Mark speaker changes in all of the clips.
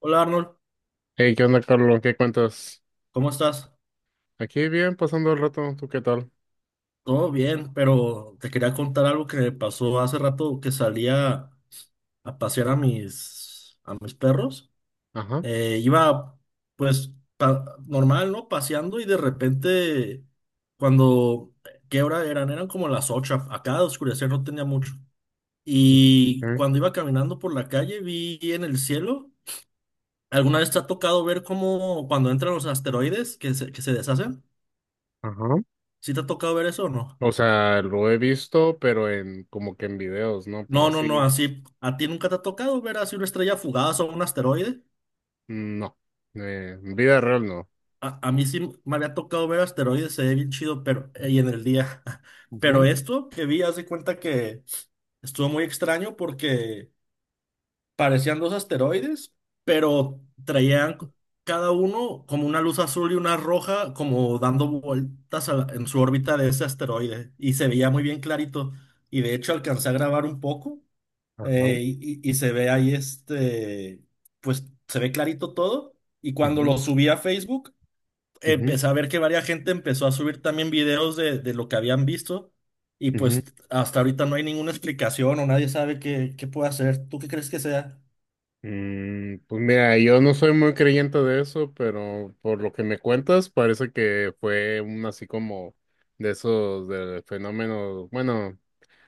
Speaker 1: Hola Arnold,
Speaker 2: Hey, ¿qué onda, Carlos? ¿Qué cuentas?
Speaker 1: ¿cómo estás?
Speaker 2: Aquí bien, pasando el rato. ¿Tú qué tal?
Speaker 1: Todo bien, pero te quería contar algo que me pasó hace rato que salía a pasear a mis perros.
Speaker 2: Ajá,
Speaker 1: Iba pues normal, ¿no? Paseando y de repente cuando, ¿qué hora eran? Eran como las 8. Acá de oscurecer no tenía mucho. Y
Speaker 2: ok,
Speaker 1: cuando iba caminando por la calle vi en el cielo, ¿alguna vez te ha tocado ver cómo cuando entran los asteroides que se deshacen?
Speaker 2: ajá.
Speaker 1: ¿Sí te ha tocado ver eso o no?
Speaker 2: O sea, lo he visto, pero en como que en videos, ¿no? Pero
Speaker 1: No, no,
Speaker 2: así,
Speaker 1: no, así, ¿a ti nunca te ha tocado ver así una estrella fugaz o un asteroide?
Speaker 2: mm, no. En vida real, no.
Speaker 1: A mí sí me había tocado ver asteroides, se ve bien chido, pero ahí en el día. Pero
Speaker 2: Ujú.
Speaker 1: esto que vi, haz de cuenta que estuvo muy extraño porque parecían dos asteroides, pero traían cada uno como una luz azul y una roja, como dando vueltas a en su órbita de ese asteroide. Y se veía muy bien clarito. Y de hecho alcancé a grabar un poco.
Speaker 2: Ajá.
Speaker 1: Y se ve ahí este, pues se ve clarito todo. Y cuando
Speaker 2: Ujú,
Speaker 1: lo subí a Facebook,
Speaker 2: ujú,
Speaker 1: empecé a ver que varias gente empezó a subir también videos de lo que habían visto. Y
Speaker 2: ujú.
Speaker 1: pues hasta ahorita no hay ninguna explicación o nadie sabe qué puede hacer. ¿Tú qué crees que sea?
Speaker 2: Pues mira, yo no soy muy creyente de eso, pero por lo que me cuentas, parece que fue un así como de esos de fenómenos, bueno,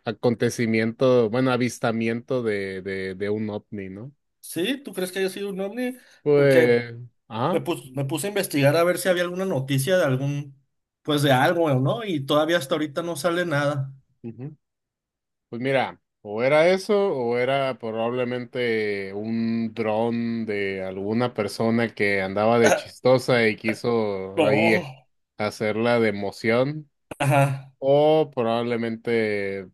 Speaker 2: acontecimiento, bueno, avistamiento de un ovni, ¿no?
Speaker 1: ¿Sí? ¿Tú crees que haya sido un ovni? Porque
Speaker 2: Pues, ajá.
Speaker 1: me puse a investigar a ver si había alguna noticia de algún, pues de algo, ¿no? Y todavía hasta ahorita no sale nada.
Speaker 2: Ujú. Pues mira, o era eso, o era probablemente un dron de alguna persona que andaba de
Speaker 1: Ah,
Speaker 2: chistosa y quiso ahí
Speaker 1: no.
Speaker 2: hacerla de emoción,
Speaker 1: Ajá.
Speaker 2: o probablemente,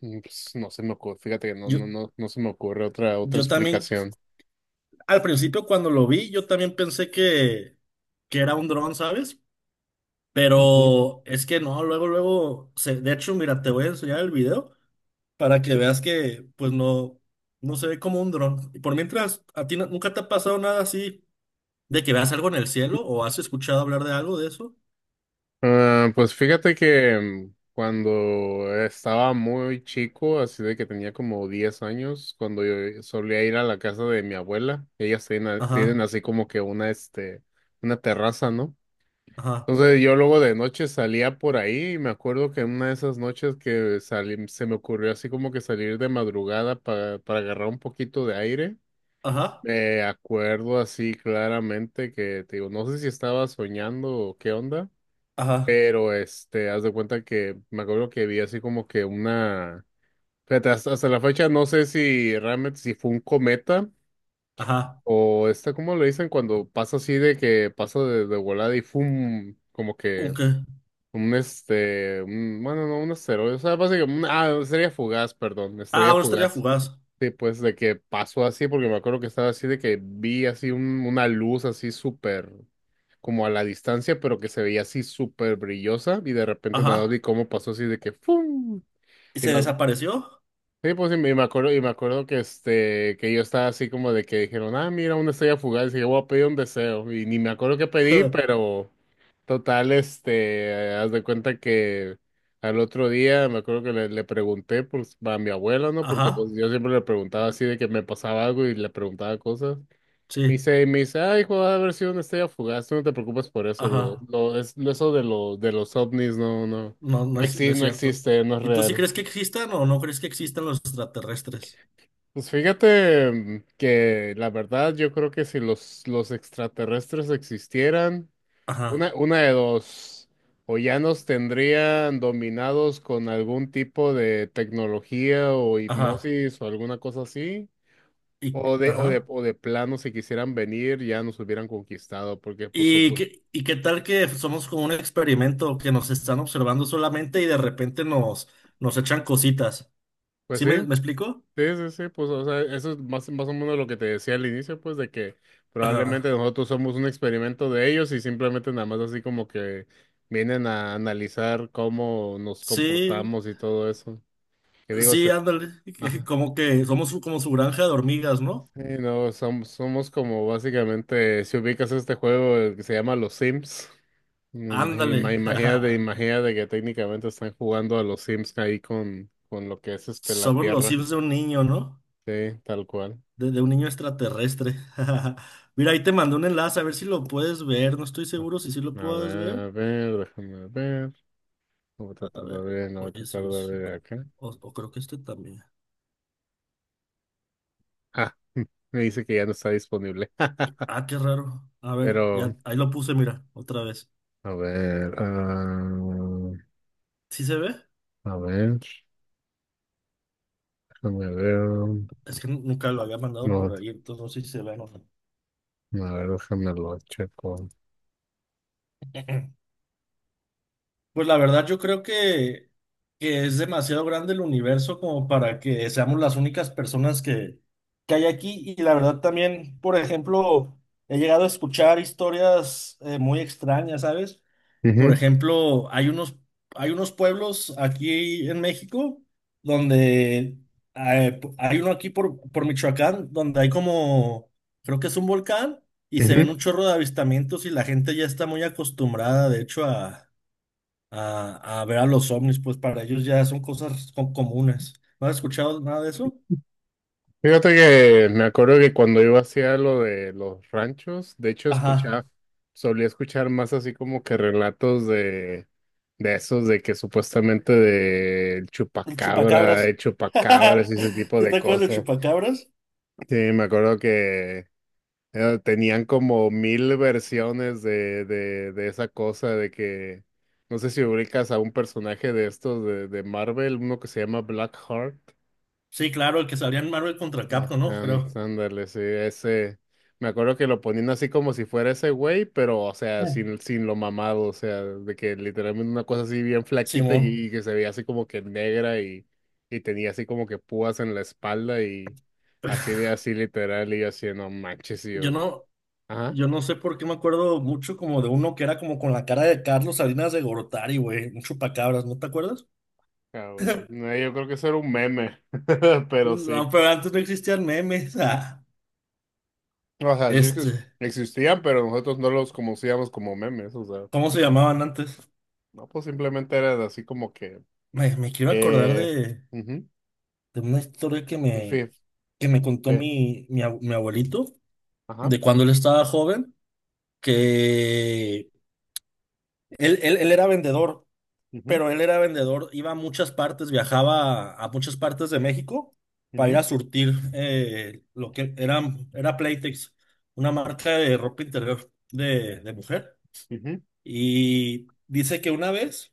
Speaker 2: pues, no se me ocurre, fíjate que no,
Speaker 1: Yo,
Speaker 2: no, no, no se me ocurre otra
Speaker 1: yo también.
Speaker 2: explicación.
Speaker 1: Al principio cuando lo vi, yo también pensé que era un dron, ¿sabes?
Speaker 2: Ujú.
Speaker 1: Pero es que no, luego, luego, de hecho, mira, te voy a enseñar el video para que veas que, pues no, no se ve como un dron. Y por mientras, ¿a ti nunca te ha pasado nada así de que veas algo en el cielo o has escuchado hablar de algo de eso?
Speaker 2: Ah, pues fíjate que cuando estaba muy chico, así de que tenía como 10 años, cuando yo solía ir a la casa de mi abuela, ellas tienen, tienen
Speaker 1: Ajá,
Speaker 2: así como que una, este, una terraza, ¿no?
Speaker 1: ajá,
Speaker 2: Entonces yo luego de noche salía por ahí y me acuerdo que en una de esas noches que salí, se me ocurrió así como que salir de madrugada para, agarrar un poquito de aire.
Speaker 1: ajá,
Speaker 2: Me acuerdo así claramente que, te digo, no sé si estaba soñando o qué onda.
Speaker 1: ajá,
Speaker 2: Pero haz de cuenta que me acuerdo que vi así como que una. Fíjate, hasta la fecha no sé si realmente si fue un cometa
Speaker 1: ajá.
Speaker 2: o esta, ¿cómo le dicen? Cuando pasa así de que pasa de volada y fum, como
Speaker 1: ¿Un
Speaker 2: que
Speaker 1: qué?
Speaker 2: bueno, no, un asteroide, o sea, básicamente, estrella fugaz, perdón,
Speaker 1: Ah,
Speaker 2: estrella
Speaker 1: una estrella
Speaker 2: fugaz.
Speaker 1: fugaz.
Speaker 2: Sí, pues de que pasó así, porque me acuerdo que estaba así de que vi así una luz así súper, como a la distancia, pero que se veía así súper brillosa y de repente nada, vi
Speaker 1: Ajá.
Speaker 2: cómo pasó así de que ¡fum!
Speaker 1: ¿Y se desapareció?
Speaker 2: Sí, pues y me acuerdo que que yo estaba así como de que dijeron, ah, mira, una estrella fugaz, y yo voy a pedir un deseo. Y ni me acuerdo qué pedí, pero total, haz de cuenta que al otro día me acuerdo que le pregunté pues, a mi abuela, ¿no? Porque pues
Speaker 1: Ajá,
Speaker 2: yo siempre le preguntaba así de que me pasaba algo y le preguntaba cosas. Me
Speaker 1: sí,
Speaker 2: dice, me dice, ah, hijo, va a haber sido una estrella fugaz, tú no te preocupes por eso,
Speaker 1: ajá.
Speaker 2: eso de los ovnis, no, no,
Speaker 1: No, no
Speaker 2: no
Speaker 1: es, no
Speaker 2: existe,
Speaker 1: es
Speaker 2: no
Speaker 1: cierto.
Speaker 2: existe, no es
Speaker 1: ¿Y tú sí
Speaker 2: real.
Speaker 1: crees que existan o no crees que existan los extraterrestres?
Speaker 2: Pues fíjate mm, que la verdad yo creo que si los extraterrestres existieran,
Speaker 1: Ajá,
Speaker 2: una de dos, o ya nos tendrían dominados con algún tipo de tecnología o
Speaker 1: ajá,
Speaker 2: hipnosis o alguna cosa así,
Speaker 1: y,
Speaker 2: o de, o de,
Speaker 1: ajá.
Speaker 2: o de plano si quisieran venir ya nos hubieran conquistado, porque pues,
Speaker 1: ¿Y qué, y qué tal que somos como un experimento que nos están observando solamente y de repente nos echan cositas?
Speaker 2: pues,
Speaker 1: ¿Sí
Speaker 2: sí.
Speaker 1: me explico?
Speaker 2: Sí, sí, sí, pues, o sea, eso es más o menos lo que te decía al inicio, pues, de que probablemente
Speaker 1: Ajá.
Speaker 2: nosotros somos un experimento de ellos y simplemente nada más así como que vienen a analizar cómo nos
Speaker 1: Sí,
Speaker 2: comportamos y todo eso. Que digo,
Speaker 1: sí, ándale.
Speaker 2: ajá.
Speaker 1: Como que somos como su granja de hormigas, ¿no?
Speaker 2: Sí, no, somos como básicamente, si ubicas este juego el que se llama Los Sims, imagi- ima-
Speaker 1: Ándale.
Speaker 2: imagínate, imagínate que técnicamente están jugando a los Sims ahí con lo que es la
Speaker 1: Somos los
Speaker 2: Tierra,
Speaker 1: Sims de un niño, ¿no?
Speaker 2: sí, tal cual.
Speaker 1: De un niño extraterrestre. Mira, ahí te mandé un enlace, a ver si lo puedes ver. No estoy seguro si sí lo
Speaker 2: A
Speaker 1: puedes ver.
Speaker 2: a ver, déjame ver. No voy a
Speaker 1: A
Speaker 2: tratar de
Speaker 1: ver,
Speaker 2: ver, no voy a
Speaker 1: oye,
Speaker 2: tratar
Speaker 1: son
Speaker 2: de ver
Speaker 1: cinco.
Speaker 2: acá.
Speaker 1: O creo que este también.
Speaker 2: Ah, me dice que ya no está disponible.
Speaker 1: Ah, qué raro. A ver,
Speaker 2: Pero,
Speaker 1: ya, ahí lo puse, mira, otra vez.
Speaker 2: a ver,
Speaker 1: ¿Sí se ve?
Speaker 2: a ver, déjame ver.
Speaker 1: Es que nunca lo había mandado
Speaker 2: No,
Speaker 1: por ahí, entonces no sé si se ve o
Speaker 2: a ver, déjame lo checo.
Speaker 1: no. Pues la verdad yo creo que es demasiado grande el universo como para que seamos las únicas personas que hay aquí. Y la verdad también, por ejemplo, he llegado a escuchar historias muy extrañas, ¿sabes? Por
Speaker 2: Ujú,
Speaker 1: ejemplo, hay unos pueblos aquí en México donde hay uno aquí por Michoacán donde hay como, creo que es un volcán y se ven
Speaker 2: ujú.
Speaker 1: un chorro de avistamientos y la gente ya está muy acostumbrada, de hecho, a ver a los ovnis, pues para ellos ya son cosas comunes. ¿No has escuchado nada de eso?
Speaker 2: Fíjate que me acuerdo que cuando iba hacia lo de los ranchos, de hecho
Speaker 1: Ajá,
Speaker 2: escuchaba, solía escuchar más así como que relatos de esos de que supuestamente de
Speaker 1: el
Speaker 2: chupacabra, de
Speaker 1: chupacabras.
Speaker 2: chupacabras y ese tipo
Speaker 1: ¿Sí
Speaker 2: de
Speaker 1: te acuerdas del
Speaker 2: cosas.
Speaker 1: chupacabras?
Speaker 2: Sí, me acuerdo que tenían como mil versiones de esa cosa, de que no sé si ubicas a un personaje de estos de Marvel, uno que se llama Blackheart.
Speaker 1: Sí, claro, el que salía en Marvel contra Capcom, ¿no? Creo.
Speaker 2: Ándale, sí, ese. Me acuerdo que lo ponían así como si fuera ese güey, pero, o sea,
Speaker 1: Sí.
Speaker 2: sin lo mamado, o sea, de que literalmente una cosa así bien flaquita
Speaker 1: Simón.
Speaker 2: y que se veía así como que negra y tenía así como que púas en la espalda y así de así literal y yo así, no manches, y
Speaker 1: Yo
Speaker 2: yo.
Speaker 1: no,
Speaker 2: Ajá,
Speaker 1: yo no sé por qué me acuerdo mucho como de uno que era como con la cara de Carlos Salinas de Gortari, güey, un chupacabras, ¿no te acuerdas?
Speaker 2: cabrón. No, yo creo que eso era un meme, pero
Speaker 1: No,
Speaker 2: sí.
Speaker 1: pero antes no existían memes. Ah,
Speaker 2: O sea, sí que
Speaker 1: este,
Speaker 2: existían, pero nosotros no los conocíamos como memes, o sea,
Speaker 1: ¿cómo se llamaban antes?
Speaker 2: no, pues simplemente era así como que.
Speaker 1: Me quiero acordar
Speaker 2: Eh,
Speaker 1: de,
Speaker 2: ujú,
Speaker 1: de una historia que
Speaker 2: y
Speaker 1: me,
Speaker 2: fe-
Speaker 1: que me contó
Speaker 2: fe-
Speaker 1: mi abuelito,
Speaker 2: ajá,
Speaker 1: de cuando él estaba joven, que él era vendedor,
Speaker 2: ujú,
Speaker 1: pero él era vendedor, iba a muchas partes, viajaba a muchas partes de México para ir
Speaker 2: ujú,
Speaker 1: a surtir lo que era Playtex, una marca de ropa interior de mujer.
Speaker 2: ujú,
Speaker 1: Y dice que una vez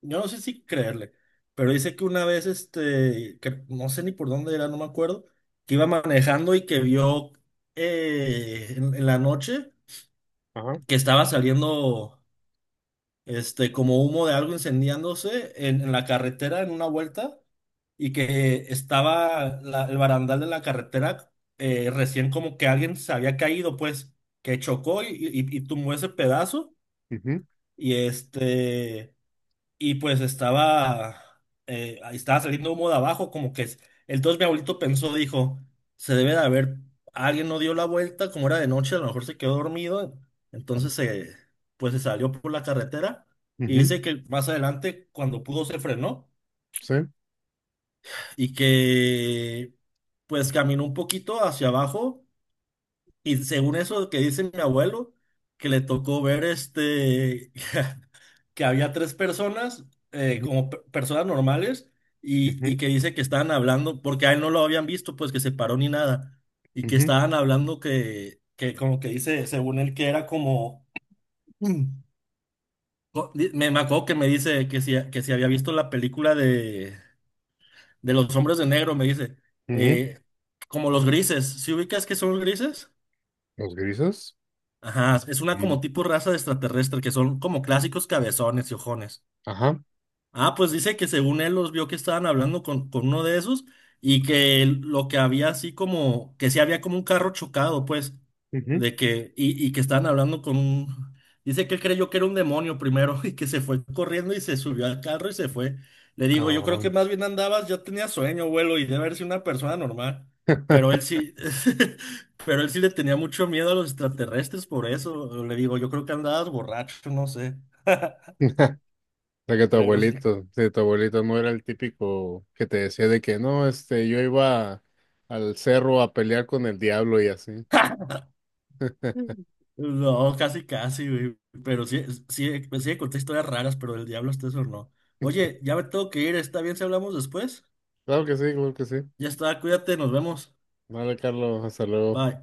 Speaker 1: yo no sé si creerle, pero dice que una vez, que no sé ni por dónde era, no me acuerdo, que iba manejando y que vio en la noche
Speaker 2: ajá,
Speaker 1: que estaba saliendo, como humo de algo incendiándose en, la carretera en una vuelta y que estaba el barandal de la carretera recién como que alguien se había caído, pues, que chocó y tumbó ese pedazo
Speaker 2: ujú,
Speaker 1: y y pues estaba, ahí estaba saliendo humo de abajo, como que entonces mi abuelito pensó, dijo, se debe de haber, alguien no dio la vuelta, como era de noche, a lo mejor se quedó dormido,
Speaker 2: ajá,
Speaker 1: entonces pues se salió por la carretera y
Speaker 2: ujú,
Speaker 1: dice que más adelante, cuando pudo, se frenó
Speaker 2: sí,
Speaker 1: y que pues caminó un poquito hacia abajo y según eso que dice mi abuelo, que le tocó ver que había tres personas,
Speaker 2: ujú,
Speaker 1: como personas normales, y
Speaker 2: ujú,
Speaker 1: que dice que estaban hablando, porque a él no lo habían visto, pues que se paró ni nada, y que
Speaker 2: ujú,
Speaker 1: estaban hablando que como que dice, según él, que era como, Me acuerdo que me dice que si había visto la película de los hombres de negro, me dice,
Speaker 2: ujú.
Speaker 1: eh, como los grises, ¿si ubicas que son los grises?
Speaker 2: Los grises.
Speaker 1: Ajá, es una
Speaker 2: Mm.
Speaker 1: como tipo raza de extraterrestre que son como clásicos cabezones y ojones.
Speaker 2: Ajá.
Speaker 1: Ah, pues dice que según él los vio que estaban hablando con uno de esos y que lo que había así como, que sí había como un carro chocado, pues,
Speaker 2: Ujú.
Speaker 1: de que, y que estaban hablando con un, dice que él creyó que era un demonio primero y que se fue corriendo y se subió al carro y se fue. Le digo, yo creo que
Speaker 2: Cabrón.
Speaker 1: más bien andabas, ya tenía sueño, abuelo, y debe haber sido una persona normal. Pero él sí, pero él sí le tenía mucho miedo a los extraterrestres por eso. Le digo, yo creo que andabas borracho, no sé,
Speaker 2: O sea que tu
Speaker 1: pero sí.
Speaker 2: abuelito, sí, tu abuelito no era el típico que te decía de que no, este, yo iba al cerro a pelear con el diablo y así.
Speaker 1: No, casi, casi, güey. Pero sí, sí, sí conté historias raras, pero el diablo hasta eso no. Oye, ya me tengo que ir, ¿está bien si hablamos después?
Speaker 2: Claro que sí, claro que sí.
Speaker 1: Ya está, cuídate, nos vemos.
Speaker 2: Vale, Carlos, hasta luego.
Speaker 1: Bye.